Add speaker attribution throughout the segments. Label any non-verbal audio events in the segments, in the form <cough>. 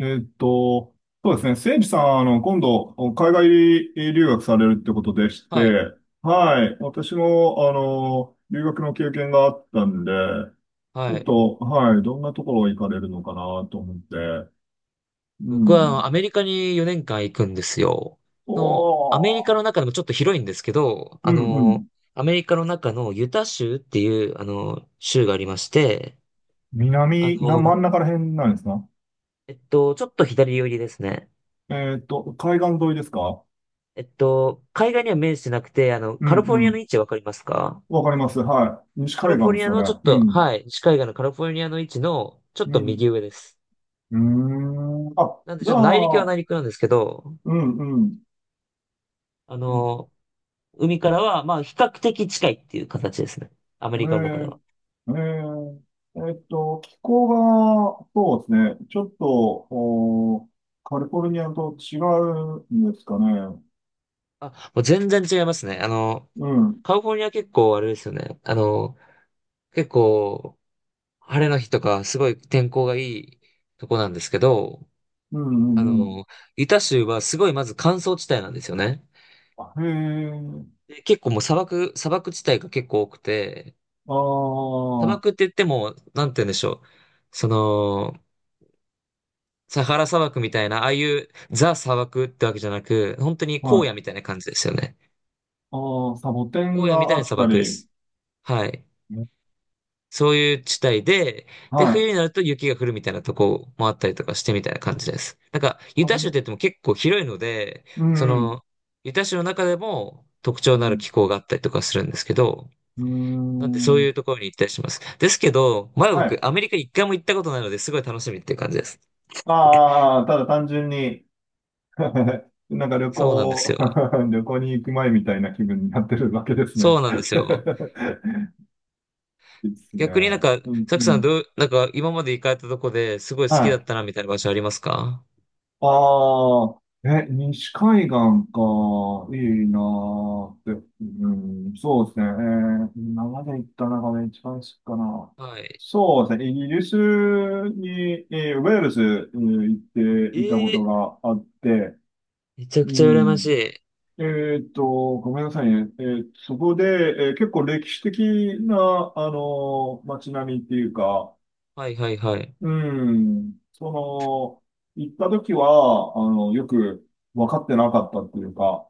Speaker 1: えっと、そうですね。せいじさん、今度、海外留学されるってことでし
Speaker 2: はい、
Speaker 1: て、はい。私も、留学の経験があったんで、ちょ
Speaker 2: は
Speaker 1: っ
Speaker 2: い。
Speaker 1: と、はい。どんなところ行かれるのかなと思って。う
Speaker 2: 僕は
Speaker 1: ん。
Speaker 2: アメリカに4年間行くんですよ。
Speaker 1: お
Speaker 2: アメリカ
Speaker 1: ー、
Speaker 2: の中でもちょっと広いんですけど、
Speaker 1: うんうん。
Speaker 2: アメリカの中のユタ州っていう、州がありまして、あ
Speaker 1: 真
Speaker 2: の、
Speaker 1: ん中ら辺なんですか？
Speaker 2: ちょっと左寄りですね。
Speaker 1: 海岸沿いですか？
Speaker 2: 海岸には面してなくて、
Speaker 1: うん
Speaker 2: カリフォル
Speaker 1: う
Speaker 2: ニアの
Speaker 1: ん。
Speaker 2: 位置わかりますか？
Speaker 1: わかります。はい。西
Speaker 2: カリ
Speaker 1: 海
Speaker 2: フォ
Speaker 1: 岸
Speaker 2: ル
Speaker 1: で
Speaker 2: ニ
Speaker 1: す
Speaker 2: ア
Speaker 1: よね。
Speaker 2: のちょっ
Speaker 1: う
Speaker 2: と、
Speaker 1: ん。
Speaker 2: はい、西海岸のカリフォルニアの位置のちょっ
Speaker 1: う
Speaker 2: と右
Speaker 1: ん。
Speaker 2: 上です。
Speaker 1: うーん。あ、
Speaker 2: なんで、
Speaker 1: じ
Speaker 2: ちょ
Speaker 1: ゃ
Speaker 2: っと内陸は内
Speaker 1: あ、
Speaker 2: 陸なんですけど、
Speaker 1: うん、うん。
Speaker 2: あ
Speaker 1: うん
Speaker 2: の、海からは、まあ、比較的近いっていう形ですね。アメ
Speaker 1: へ
Speaker 2: リカの中で
Speaker 1: え
Speaker 2: は。
Speaker 1: ー、へえー。気候が、そうですね。ちょっと、カリフォルニアと違うんですかね。
Speaker 2: あ、もう全然違いますね。
Speaker 1: うん、うん、
Speaker 2: カリフォルニア結構あれですよね。結構、晴れの日とか、すごい天候がいいとこなんですけど、
Speaker 1: う
Speaker 2: あ
Speaker 1: ん、うん。
Speaker 2: の、ユタ州はすごいまず乾燥地帯なんですよね。
Speaker 1: あへえ、
Speaker 2: で結構もう砂漠地帯が結構多くて、
Speaker 1: ああ、
Speaker 2: 砂
Speaker 1: は
Speaker 2: 漠って言っても、なんて言うんでしょう。その、サハラ砂漠みたいな、ああいうザ砂漠ってわけじゃなく、本当に荒野
Speaker 1: い。
Speaker 2: みたいな感じですよね。
Speaker 1: ああ、サボテン
Speaker 2: 荒野み
Speaker 1: が
Speaker 2: たい
Speaker 1: あ
Speaker 2: な
Speaker 1: っ
Speaker 2: 砂
Speaker 1: た
Speaker 2: 漠で
Speaker 1: り、
Speaker 2: す。はい。
Speaker 1: ね
Speaker 2: そういう地帯で、で、
Speaker 1: は
Speaker 2: 冬に
Speaker 1: い。
Speaker 2: なると雪が降るみたいなとこもあったりとかしてみたいな感じです。なんか、ユ
Speaker 1: あ
Speaker 2: タ州っ
Speaker 1: の、
Speaker 2: て言っても結構広いので、
Speaker 1: う
Speaker 2: そ
Speaker 1: ん、うん、
Speaker 2: の、ユタ州の中でも特徴のある気候があったりとかするんですけど、
Speaker 1: う
Speaker 2: なんでそ
Speaker 1: ん、う
Speaker 2: う
Speaker 1: ー
Speaker 2: い
Speaker 1: ん
Speaker 2: うところに行ったりします。ですけど、まだ
Speaker 1: は
Speaker 2: 僕、
Speaker 1: い。
Speaker 2: アメリカ一回も行ったことないので、すごい楽しみっていう感じです。
Speaker 1: ああ、ただ単純に、<laughs> なんか旅
Speaker 2: そうなんです
Speaker 1: 行、
Speaker 2: よ。
Speaker 1: <laughs> 旅行に行く前みたいな気分になってるわけですね。
Speaker 2: そうなんですよ。
Speaker 1: <laughs> いいですね。
Speaker 2: 逆になんか、
Speaker 1: うん、
Speaker 2: サク
Speaker 1: う
Speaker 2: さん
Speaker 1: ん。
Speaker 2: どう、なんか今まで行かれたとこですごい好
Speaker 1: は
Speaker 2: きだっ
Speaker 1: い。
Speaker 2: たなみたいな場所ありますか？
Speaker 1: ああ、西海岸か。いいなーって。うん、そうですね。今まで行った中で一番好きかな。
Speaker 2: はい。
Speaker 1: そうですね。イギリスに、ウェールズ、行っていた
Speaker 2: え
Speaker 1: こと
Speaker 2: え、
Speaker 1: があって、
Speaker 2: めちゃく
Speaker 1: う
Speaker 2: ちゃ羨まし
Speaker 1: ん。
Speaker 2: い。
Speaker 1: えごめんなさいね。そこで、結構歴史的な、街並みっていうか、
Speaker 2: はいはいはい。
Speaker 1: うん、その、行った時は、よく分かってなかったっていうか、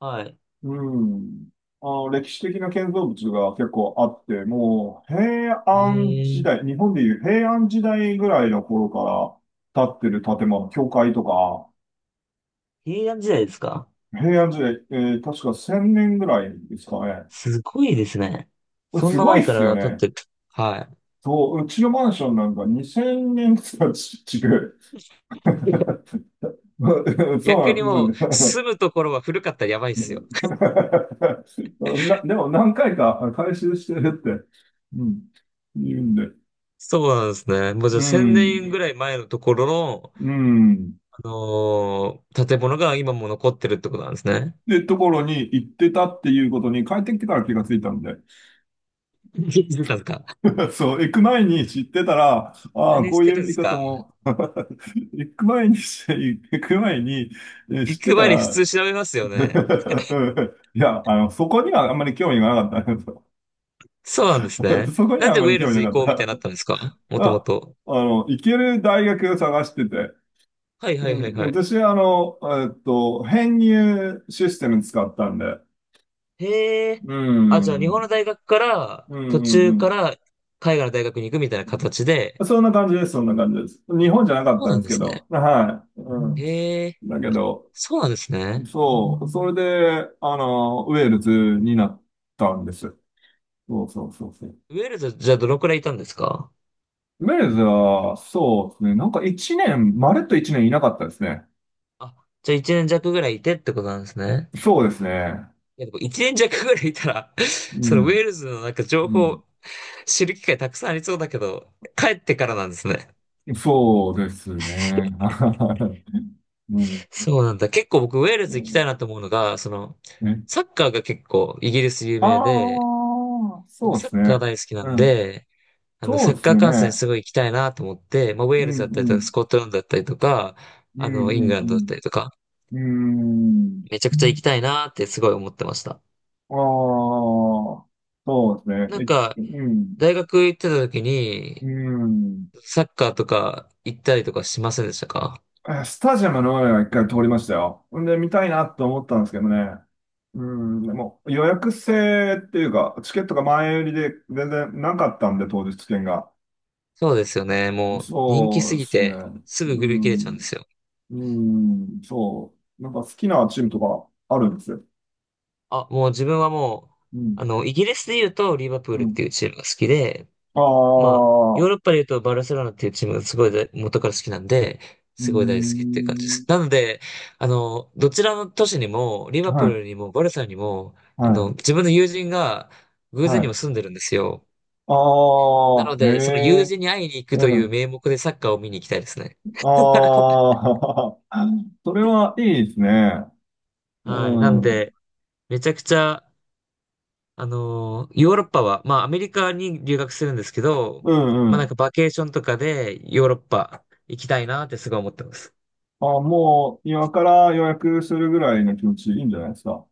Speaker 2: はい。
Speaker 1: うん、歴史的な建造物が結構あって、もう、平安時
Speaker 2: ええ、
Speaker 1: 代、日本でいう平安時代ぐらいの頃から建ってる建物、教会とか。
Speaker 2: 平安時代ですか？
Speaker 1: 平安時代、確か1000年ぐらいですかね。
Speaker 2: すごいですね。そん
Speaker 1: す
Speaker 2: な
Speaker 1: ごい
Speaker 2: 前
Speaker 1: っ
Speaker 2: か
Speaker 1: すよ
Speaker 2: ら経っ
Speaker 1: ね。
Speaker 2: てる。は
Speaker 1: そう、うちのマンションなんか2000年とかち違う。
Speaker 2: い。<laughs>
Speaker 1: <laughs> そう
Speaker 2: 逆
Speaker 1: な
Speaker 2: に
Speaker 1: ん、<laughs> もう
Speaker 2: もう、
Speaker 1: ね。
Speaker 2: 住むところは古かったらやばいっすよ。
Speaker 1: <laughs> でも何回か回収してるって、うん、言うんで。
Speaker 2: そうなんですね。もうじゃ
Speaker 1: う
Speaker 2: あ1000
Speaker 1: ん、
Speaker 2: 年ぐらい前のところの、
Speaker 1: うん。
Speaker 2: 建物が今も残ってるってことなんですね。
Speaker 1: で、ところに行ってたっていうことに帰ってきてから気がついたんで。
Speaker 2: <laughs> 何してたんですか？
Speaker 1: <laughs> そう、行く前に知ってたら、ああ、
Speaker 2: 何
Speaker 1: こ
Speaker 2: し
Speaker 1: う
Speaker 2: て
Speaker 1: いう
Speaker 2: るんで
Speaker 1: 見
Speaker 2: す
Speaker 1: 方
Speaker 2: か？
Speaker 1: も。 <laughs> 行く前に知
Speaker 2: 行
Speaker 1: って
Speaker 2: く
Speaker 1: た
Speaker 2: 前に普
Speaker 1: ら、
Speaker 2: 通調べますよね。
Speaker 1: <laughs> いや、そこにはあんまり興味がなかったんですよ。
Speaker 2: そうなんですね。
Speaker 1: <laughs> そこに
Speaker 2: なん
Speaker 1: はあ
Speaker 2: で
Speaker 1: ん
Speaker 2: ウ
Speaker 1: ま
Speaker 2: ェ
Speaker 1: り
Speaker 2: ール
Speaker 1: 興
Speaker 2: ズ
Speaker 1: 味
Speaker 2: 行
Speaker 1: なかっ
Speaker 2: こうみたいに
Speaker 1: た。
Speaker 2: なったんですか？
Speaker 1: <laughs>
Speaker 2: もとも
Speaker 1: あ、
Speaker 2: と。
Speaker 1: 行ける大学を探してて。
Speaker 2: はい
Speaker 1: う
Speaker 2: はいはい
Speaker 1: ん、
Speaker 2: はい。
Speaker 1: 私は、編入システム使ったんで。
Speaker 2: へえ。
Speaker 1: う
Speaker 2: あ、じゃあ
Speaker 1: ん、
Speaker 2: 日
Speaker 1: う
Speaker 2: 本
Speaker 1: ん、
Speaker 2: の大学から、
Speaker 1: う
Speaker 2: 途
Speaker 1: ん、う
Speaker 2: 中か
Speaker 1: ん。
Speaker 2: ら海外の大学に行くみたいな形で。
Speaker 1: そんな感じです、そんな感じです。日本じゃなかっ
Speaker 2: そう
Speaker 1: たん
Speaker 2: な
Speaker 1: で
Speaker 2: ん
Speaker 1: す
Speaker 2: で
Speaker 1: け
Speaker 2: すね。
Speaker 1: ど。はい。うん。
Speaker 2: へえ。
Speaker 1: だけど、
Speaker 2: そうなんですね。
Speaker 1: そう、それで、ウェールズになったんです。そうそうそうそう。
Speaker 2: ウェールズ、じゃあどのくらいいたんですか？
Speaker 1: ウェールズは、そうですね。なんか一年、まるっと一年いなかったですね。
Speaker 2: あ、じゃあ1年弱ぐらいいてってことなんですね。
Speaker 1: そうですね。
Speaker 2: いや、でも1年弱ぐらいいたら <laughs>
Speaker 1: う
Speaker 2: そのウェ
Speaker 1: ん。
Speaker 2: ールズのなんか
Speaker 1: う
Speaker 2: 情
Speaker 1: ん。
Speaker 2: 報知る機会たくさんありそうだけど、帰ってからなんですね。
Speaker 1: そうですね。<laughs> はいうん。
Speaker 2: そうなんだ。結構僕ウェールズ行きたいなと思うのが、その、
Speaker 1: ね。
Speaker 2: サッカーが結構イギリス有
Speaker 1: あ
Speaker 2: 名で、
Speaker 1: あ、そ
Speaker 2: 僕
Speaker 1: うで
Speaker 2: サッ
Speaker 1: す
Speaker 2: カー
Speaker 1: ね。
Speaker 2: 大好きなん
Speaker 1: うん。
Speaker 2: で、
Speaker 1: そ
Speaker 2: サ
Speaker 1: う
Speaker 2: ッ
Speaker 1: です
Speaker 2: カー観戦
Speaker 1: ね。
Speaker 2: すごい行きたいなと思って、まあ、ウェー
Speaker 1: うん、
Speaker 2: ル
Speaker 1: う
Speaker 2: ズだったりとか、
Speaker 1: ん。
Speaker 2: スコットランドだったりとか、
Speaker 1: う
Speaker 2: イング
Speaker 1: ん、
Speaker 2: ランドだったりとか、
Speaker 1: うん、うん。うん。
Speaker 2: めちゃくちゃ行きたいなってすごい思ってました。
Speaker 1: ああ、そうです
Speaker 2: なん
Speaker 1: ね。
Speaker 2: か、
Speaker 1: え、うん。
Speaker 2: 大学行ってた時に、
Speaker 1: うん。
Speaker 2: サッカーとか行ったりとかしませんでしたか？
Speaker 1: スタジアムの上は一回通りましたよ。んで、見たいなと思ったんですけどね。うん、でも予約制っていうか、チケットが前売りで全然なかったんで、当日券が。
Speaker 2: そうですよね。もう人気
Speaker 1: そ
Speaker 2: す
Speaker 1: うで
Speaker 2: ぎ
Speaker 1: すね。
Speaker 2: て、すぐ
Speaker 1: う
Speaker 2: 売り切れちゃうんで
Speaker 1: ん、
Speaker 2: すよ。
Speaker 1: うん、そう。なんか好きなチームとかあるんですよ。
Speaker 2: あ、もう自分はもう、
Speaker 1: うん、
Speaker 2: イギリスで言うと、リバプー
Speaker 1: う
Speaker 2: ルっ
Speaker 1: ん。
Speaker 2: ていうチームが好きで、
Speaker 1: あ
Speaker 2: まあ、ヨー
Speaker 1: あ、
Speaker 2: ロッパで言うとバルセロナっていうチームがすごい大元から好きなんで、
Speaker 1: う
Speaker 2: すごい大好きっていう感じで
Speaker 1: ん、
Speaker 2: す。<laughs> なので、どちらの都市にも、リバプー
Speaker 1: はい、
Speaker 2: ルにもバルサにも、
Speaker 1: は
Speaker 2: 自分の友人が
Speaker 1: い、
Speaker 2: 偶
Speaker 1: は
Speaker 2: 然にも
Speaker 1: い。
Speaker 2: 住んでるんですよ。な
Speaker 1: あ
Speaker 2: の
Speaker 1: あ、へ
Speaker 2: で、その友
Speaker 1: え、
Speaker 2: 人に会いに行くと
Speaker 1: う
Speaker 2: いう
Speaker 1: ん、
Speaker 2: 名目でサッカーを見に行きたいですね。<laughs>
Speaker 1: ああ、<laughs> それはいいですね。
Speaker 2: はい。なん
Speaker 1: うん。
Speaker 2: で、めちゃくちゃ、ヨーロッパは、まあ、アメリカに留学するんですけど、
Speaker 1: うん
Speaker 2: ま
Speaker 1: う
Speaker 2: あ、なん
Speaker 1: ん。
Speaker 2: かバケーションとかでヨーロッパ行きたいなってすごい思ってます。
Speaker 1: あ、もう今から予約するぐらいの気持ちいいんじゃないですか。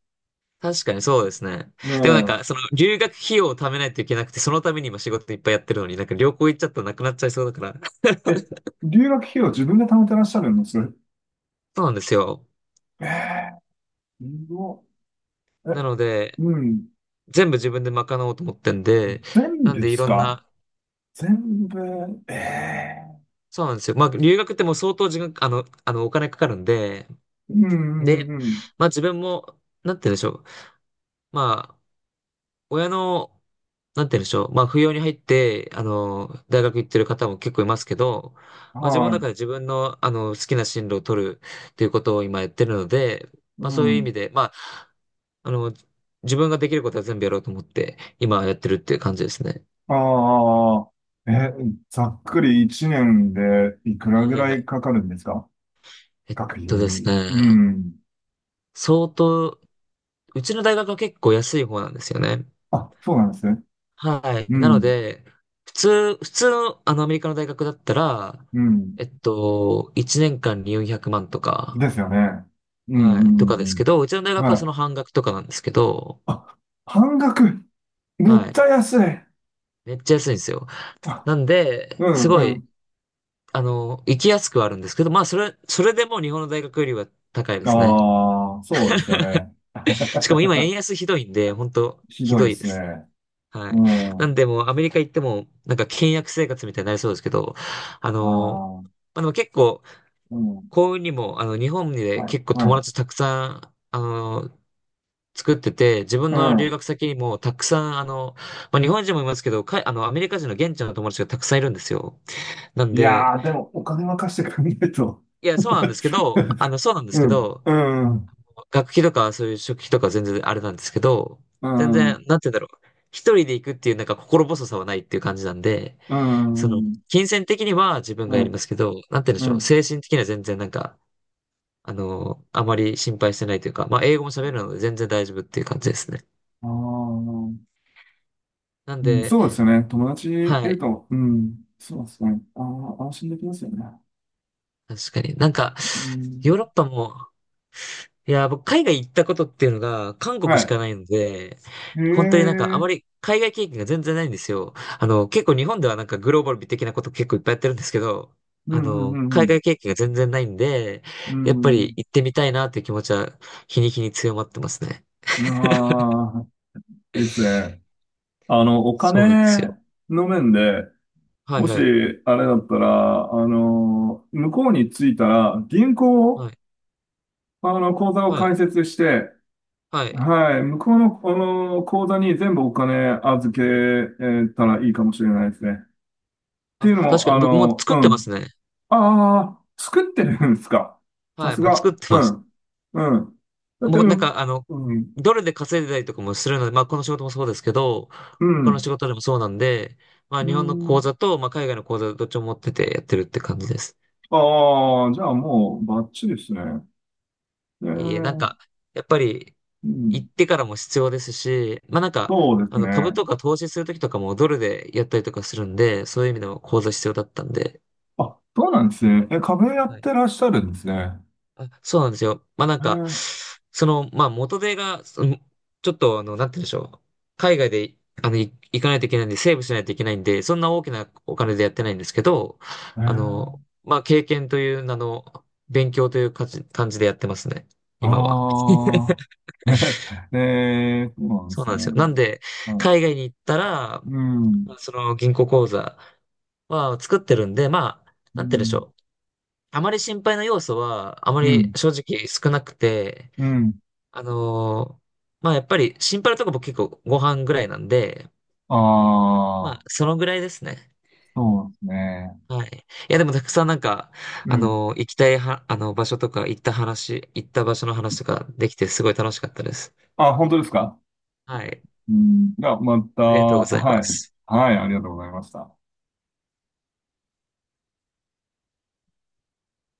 Speaker 2: 確かにそうですね。でもなんか、そ
Speaker 1: ね
Speaker 2: の、留学費用を貯めないといけなくて、そのために今仕事いっぱいやってるのに、なんか旅行行っちゃったらなくなっちゃいそうだから。
Speaker 1: え。留学費用自分で貯めてらっしゃるんです？
Speaker 2: <laughs> そうなんですよ。
Speaker 1: ええー、すごい
Speaker 2: なので、
Speaker 1: うん。
Speaker 2: 全部自分で賄おうと思ってんで、
Speaker 1: 全
Speaker 2: なん
Speaker 1: 部で
Speaker 2: でい
Speaker 1: す
Speaker 2: ろん
Speaker 1: か？
Speaker 2: な、
Speaker 1: 全部。ええ
Speaker 2: そうなんですよ。まあ、留学ってもう相当時間、お金かかるんで、
Speaker 1: うんうん
Speaker 2: で、
Speaker 1: うんうん。
Speaker 2: まあ自分も、なんて言うんでしょう。まあ、親のなんて言うんでしょう。まあ、不要に入って、大学行ってる方も結構いますけど、まあ、自分
Speaker 1: は
Speaker 2: の
Speaker 1: い。
Speaker 2: 中で自分の、好きな進路を取るっていうことを今やってるので、
Speaker 1: う
Speaker 2: まあ、そういう意
Speaker 1: ん。
Speaker 2: 味で、まあ、あの、自分ができることは全部やろうと思って、今やってるっていう感じですね。
Speaker 1: ああ。え、ざっくり1年でいくら
Speaker 2: はい
Speaker 1: ぐ
Speaker 2: はい
Speaker 1: ら
Speaker 2: は
Speaker 1: い
Speaker 2: い。
Speaker 1: かかるんですか？
Speaker 2: えっ
Speaker 1: 学費
Speaker 2: です
Speaker 1: に。
Speaker 2: ね、
Speaker 1: うん。
Speaker 2: 相当、うちの大学は結構安い方なんですよね。
Speaker 1: あ、そうなんですね。
Speaker 2: は
Speaker 1: う
Speaker 2: い。なの
Speaker 1: ん。
Speaker 2: で、普通の、アメリカの大学だったら、
Speaker 1: うん。
Speaker 2: 1年間に400万とか、
Speaker 1: ですよね。うん
Speaker 2: はい。
Speaker 1: う
Speaker 2: と
Speaker 1: ん
Speaker 2: か
Speaker 1: う
Speaker 2: で
Speaker 1: んう
Speaker 2: すけ
Speaker 1: ん。
Speaker 2: ど、うちの大学は
Speaker 1: は
Speaker 2: その
Speaker 1: い。
Speaker 2: 半額とかなんですけど、
Speaker 1: あ、半額。め
Speaker 2: は
Speaker 1: っちゃ
Speaker 2: い。
Speaker 1: 安い。
Speaker 2: めっちゃ安いんですよ。
Speaker 1: あ、
Speaker 2: なんで、
Speaker 1: う
Speaker 2: すご
Speaker 1: んう
Speaker 2: い、
Speaker 1: ん。
Speaker 2: 行きやすくはあるんですけど、まあ、それでも日本の大学よりは高いですね。
Speaker 1: ああ、そうですよね。
Speaker 2: しかも
Speaker 1: <laughs>
Speaker 2: 今円安ひどいんで、本当
Speaker 1: ひ
Speaker 2: ひ
Speaker 1: どい
Speaker 2: ど
Speaker 1: で
Speaker 2: いで
Speaker 1: す
Speaker 2: す。
Speaker 1: ね。
Speaker 2: は
Speaker 1: う
Speaker 2: い。
Speaker 1: ん。
Speaker 2: な
Speaker 1: あ
Speaker 2: んで、もうアメリカ行っても、なんか倹約生活みたいになりそうですけど、あの、
Speaker 1: あ、
Speaker 2: まあ、でも結構、
Speaker 1: うん。
Speaker 2: 幸運にも、日本で
Speaker 1: はい、
Speaker 2: 結構友
Speaker 1: は
Speaker 2: 達たくさん、作ってて、自分
Speaker 1: い。う
Speaker 2: の留
Speaker 1: ん。
Speaker 2: 学先にもたくさん、まあ、日本人もいますけど、か、あの、アメリカ人の現地の友達がたくさんいるんですよ。なん
Speaker 1: い
Speaker 2: で、
Speaker 1: やー、でもお金任せてくれないと。
Speaker 2: いや、そうなんですけ
Speaker 1: <laughs>
Speaker 2: ど、あの、そうなんで
Speaker 1: う
Speaker 2: すけ
Speaker 1: ん、
Speaker 2: ど、
Speaker 1: うん、
Speaker 2: 学費とかそういう食費とか全然あれなんですけど、
Speaker 1: う
Speaker 2: 全
Speaker 1: ん、
Speaker 2: 然、なんて言うんだろう。一人で行くっていうなんか心細さはないっていう感じなんで、
Speaker 1: う
Speaker 2: そ
Speaker 1: ん、う
Speaker 2: の、
Speaker 1: ん、
Speaker 2: 金銭的には自分がや
Speaker 1: は
Speaker 2: り
Speaker 1: い、
Speaker 2: ますけど、なんて言うんで
Speaker 1: う
Speaker 2: しょう。
Speaker 1: ん。
Speaker 2: 精神的には全然なんか、あまり心配してないというか、まあ、英語も喋るので全然大丈夫っていう感じですね。
Speaker 1: ああ、
Speaker 2: なん
Speaker 1: うん、
Speaker 2: で、
Speaker 1: そうですね。友達い
Speaker 2: は
Speaker 1: る
Speaker 2: い。
Speaker 1: と、うん、そうですね。ああ、安心できますよね。
Speaker 2: 確かに。なんか、
Speaker 1: う
Speaker 2: ヨーロ
Speaker 1: ん、
Speaker 2: ッパも、いや、僕、海外行ったことっていうのが、韓国
Speaker 1: は
Speaker 2: しか
Speaker 1: い。
Speaker 2: ないので、
Speaker 1: へえ、
Speaker 2: 本当になんか、あ
Speaker 1: う
Speaker 2: ま
Speaker 1: ん
Speaker 2: り海外経験が全然ないんですよ。結構日本ではなんかグローバル的なこと結構いっぱいやってるんですけど、
Speaker 1: うんう
Speaker 2: 海
Speaker 1: ん
Speaker 2: 外経験が全然ないんで、
Speaker 1: う
Speaker 2: やっぱり
Speaker 1: ん。
Speaker 2: 行ってみたいなっていう気持ちは、日に日に強まってますね。
Speaker 1: うん、ああ、いいですね。お
Speaker 2: そうなんですよ。
Speaker 1: 金の面で、
Speaker 2: は
Speaker 1: も
Speaker 2: い
Speaker 1: し、
Speaker 2: はい。
Speaker 1: あれだったら、向こうに着いたら、銀行
Speaker 2: は
Speaker 1: を、
Speaker 2: い。
Speaker 1: 口座を
Speaker 2: はい。
Speaker 1: 開設して、
Speaker 2: はい。
Speaker 1: はい、向こうの、口座に全部お金預けたらいいかもしれないですね。って
Speaker 2: あ、
Speaker 1: いうの
Speaker 2: 確か
Speaker 1: も、
Speaker 2: に僕もう作
Speaker 1: う
Speaker 2: ってます
Speaker 1: ん。
Speaker 2: ね。
Speaker 1: ああ、作ってるんですか。さ
Speaker 2: はい。
Speaker 1: す
Speaker 2: もう作っ
Speaker 1: が。
Speaker 2: て
Speaker 1: う
Speaker 2: ます。
Speaker 1: ん。うん。だって、
Speaker 2: も
Speaker 1: う
Speaker 2: うなん
Speaker 1: ん。
Speaker 2: か、
Speaker 1: うん。
Speaker 2: ドルで稼いでたりとかもするので、まあ、この仕事もそうですけど、
Speaker 1: う
Speaker 2: 他の
Speaker 1: ん。
Speaker 2: 仕事でもそうなんで、まあ、
Speaker 1: う
Speaker 2: 日本の口
Speaker 1: ん
Speaker 2: 座と、まあ、海外の口座どっちも持っててやってるって感じです。
Speaker 1: ああ、じゃあもうバッチリですね。え
Speaker 2: いえいえ、なん
Speaker 1: ー、
Speaker 2: か、やっぱり、
Speaker 1: う
Speaker 2: 行
Speaker 1: ん。
Speaker 2: ってからも必要ですし、まあ、なんか、
Speaker 1: そうです
Speaker 2: 株
Speaker 1: ね。
Speaker 2: とか投資するときとかもドルでやったりとかするんで、そういう意味でも口座必要だったんで、
Speaker 1: あ、そうなんですね。壁やっ
Speaker 2: はい
Speaker 1: てらっしゃるんですね。
Speaker 2: あ、そうなんですよ。まあなん
Speaker 1: え
Speaker 2: か、
Speaker 1: ー、
Speaker 2: その、まあ元手が、そのちょっとなんて言うんでしょう。海外で、行かないといけないんで、セーブしないといけないんで、そんな大きなお金でやってないんですけど、
Speaker 1: えー、
Speaker 2: まあ経験という名の、勉強という感じでやってますね。今は。
Speaker 1: ああ。<laughs> そうなんで
Speaker 2: そう
Speaker 1: す
Speaker 2: な
Speaker 1: ね。
Speaker 2: んですよ。なんで、
Speaker 1: は
Speaker 2: 海
Speaker 1: い
Speaker 2: 外に行ったら、
Speaker 1: う
Speaker 2: ま
Speaker 1: ん。
Speaker 2: あその銀行口座は作ってるんで、まあ、
Speaker 1: う
Speaker 2: なんて言うんでし
Speaker 1: ん。
Speaker 2: ょう。あまり心配な要素は、あま
Speaker 1: う
Speaker 2: り
Speaker 1: ん。
Speaker 2: 正直少なくて、
Speaker 1: うん。
Speaker 2: あのーまあやっぱりシンパラとか僕結構ご飯ぐらいなんで、ま
Speaker 1: あ
Speaker 2: あ
Speaker 1: あ、
Speaker 2: そのぐらいですね。
Speaker 1: そうですね。
Speaker 2: はい。いやでもたくさんなんか、
Speaker 1: うん。
Speaker 2: 行きたいは、あの場所とか行った場所の話とかできてすごい楽しかったです。
Speaker 1: あ、本当ですか？
Speaker 2: はい。
Speaker 1: うん。また、
Speaker 2: ありがとうございま
Speaker 1: はい。
Speaker 2: す。
Speaker 1: はい、ありがとうございました。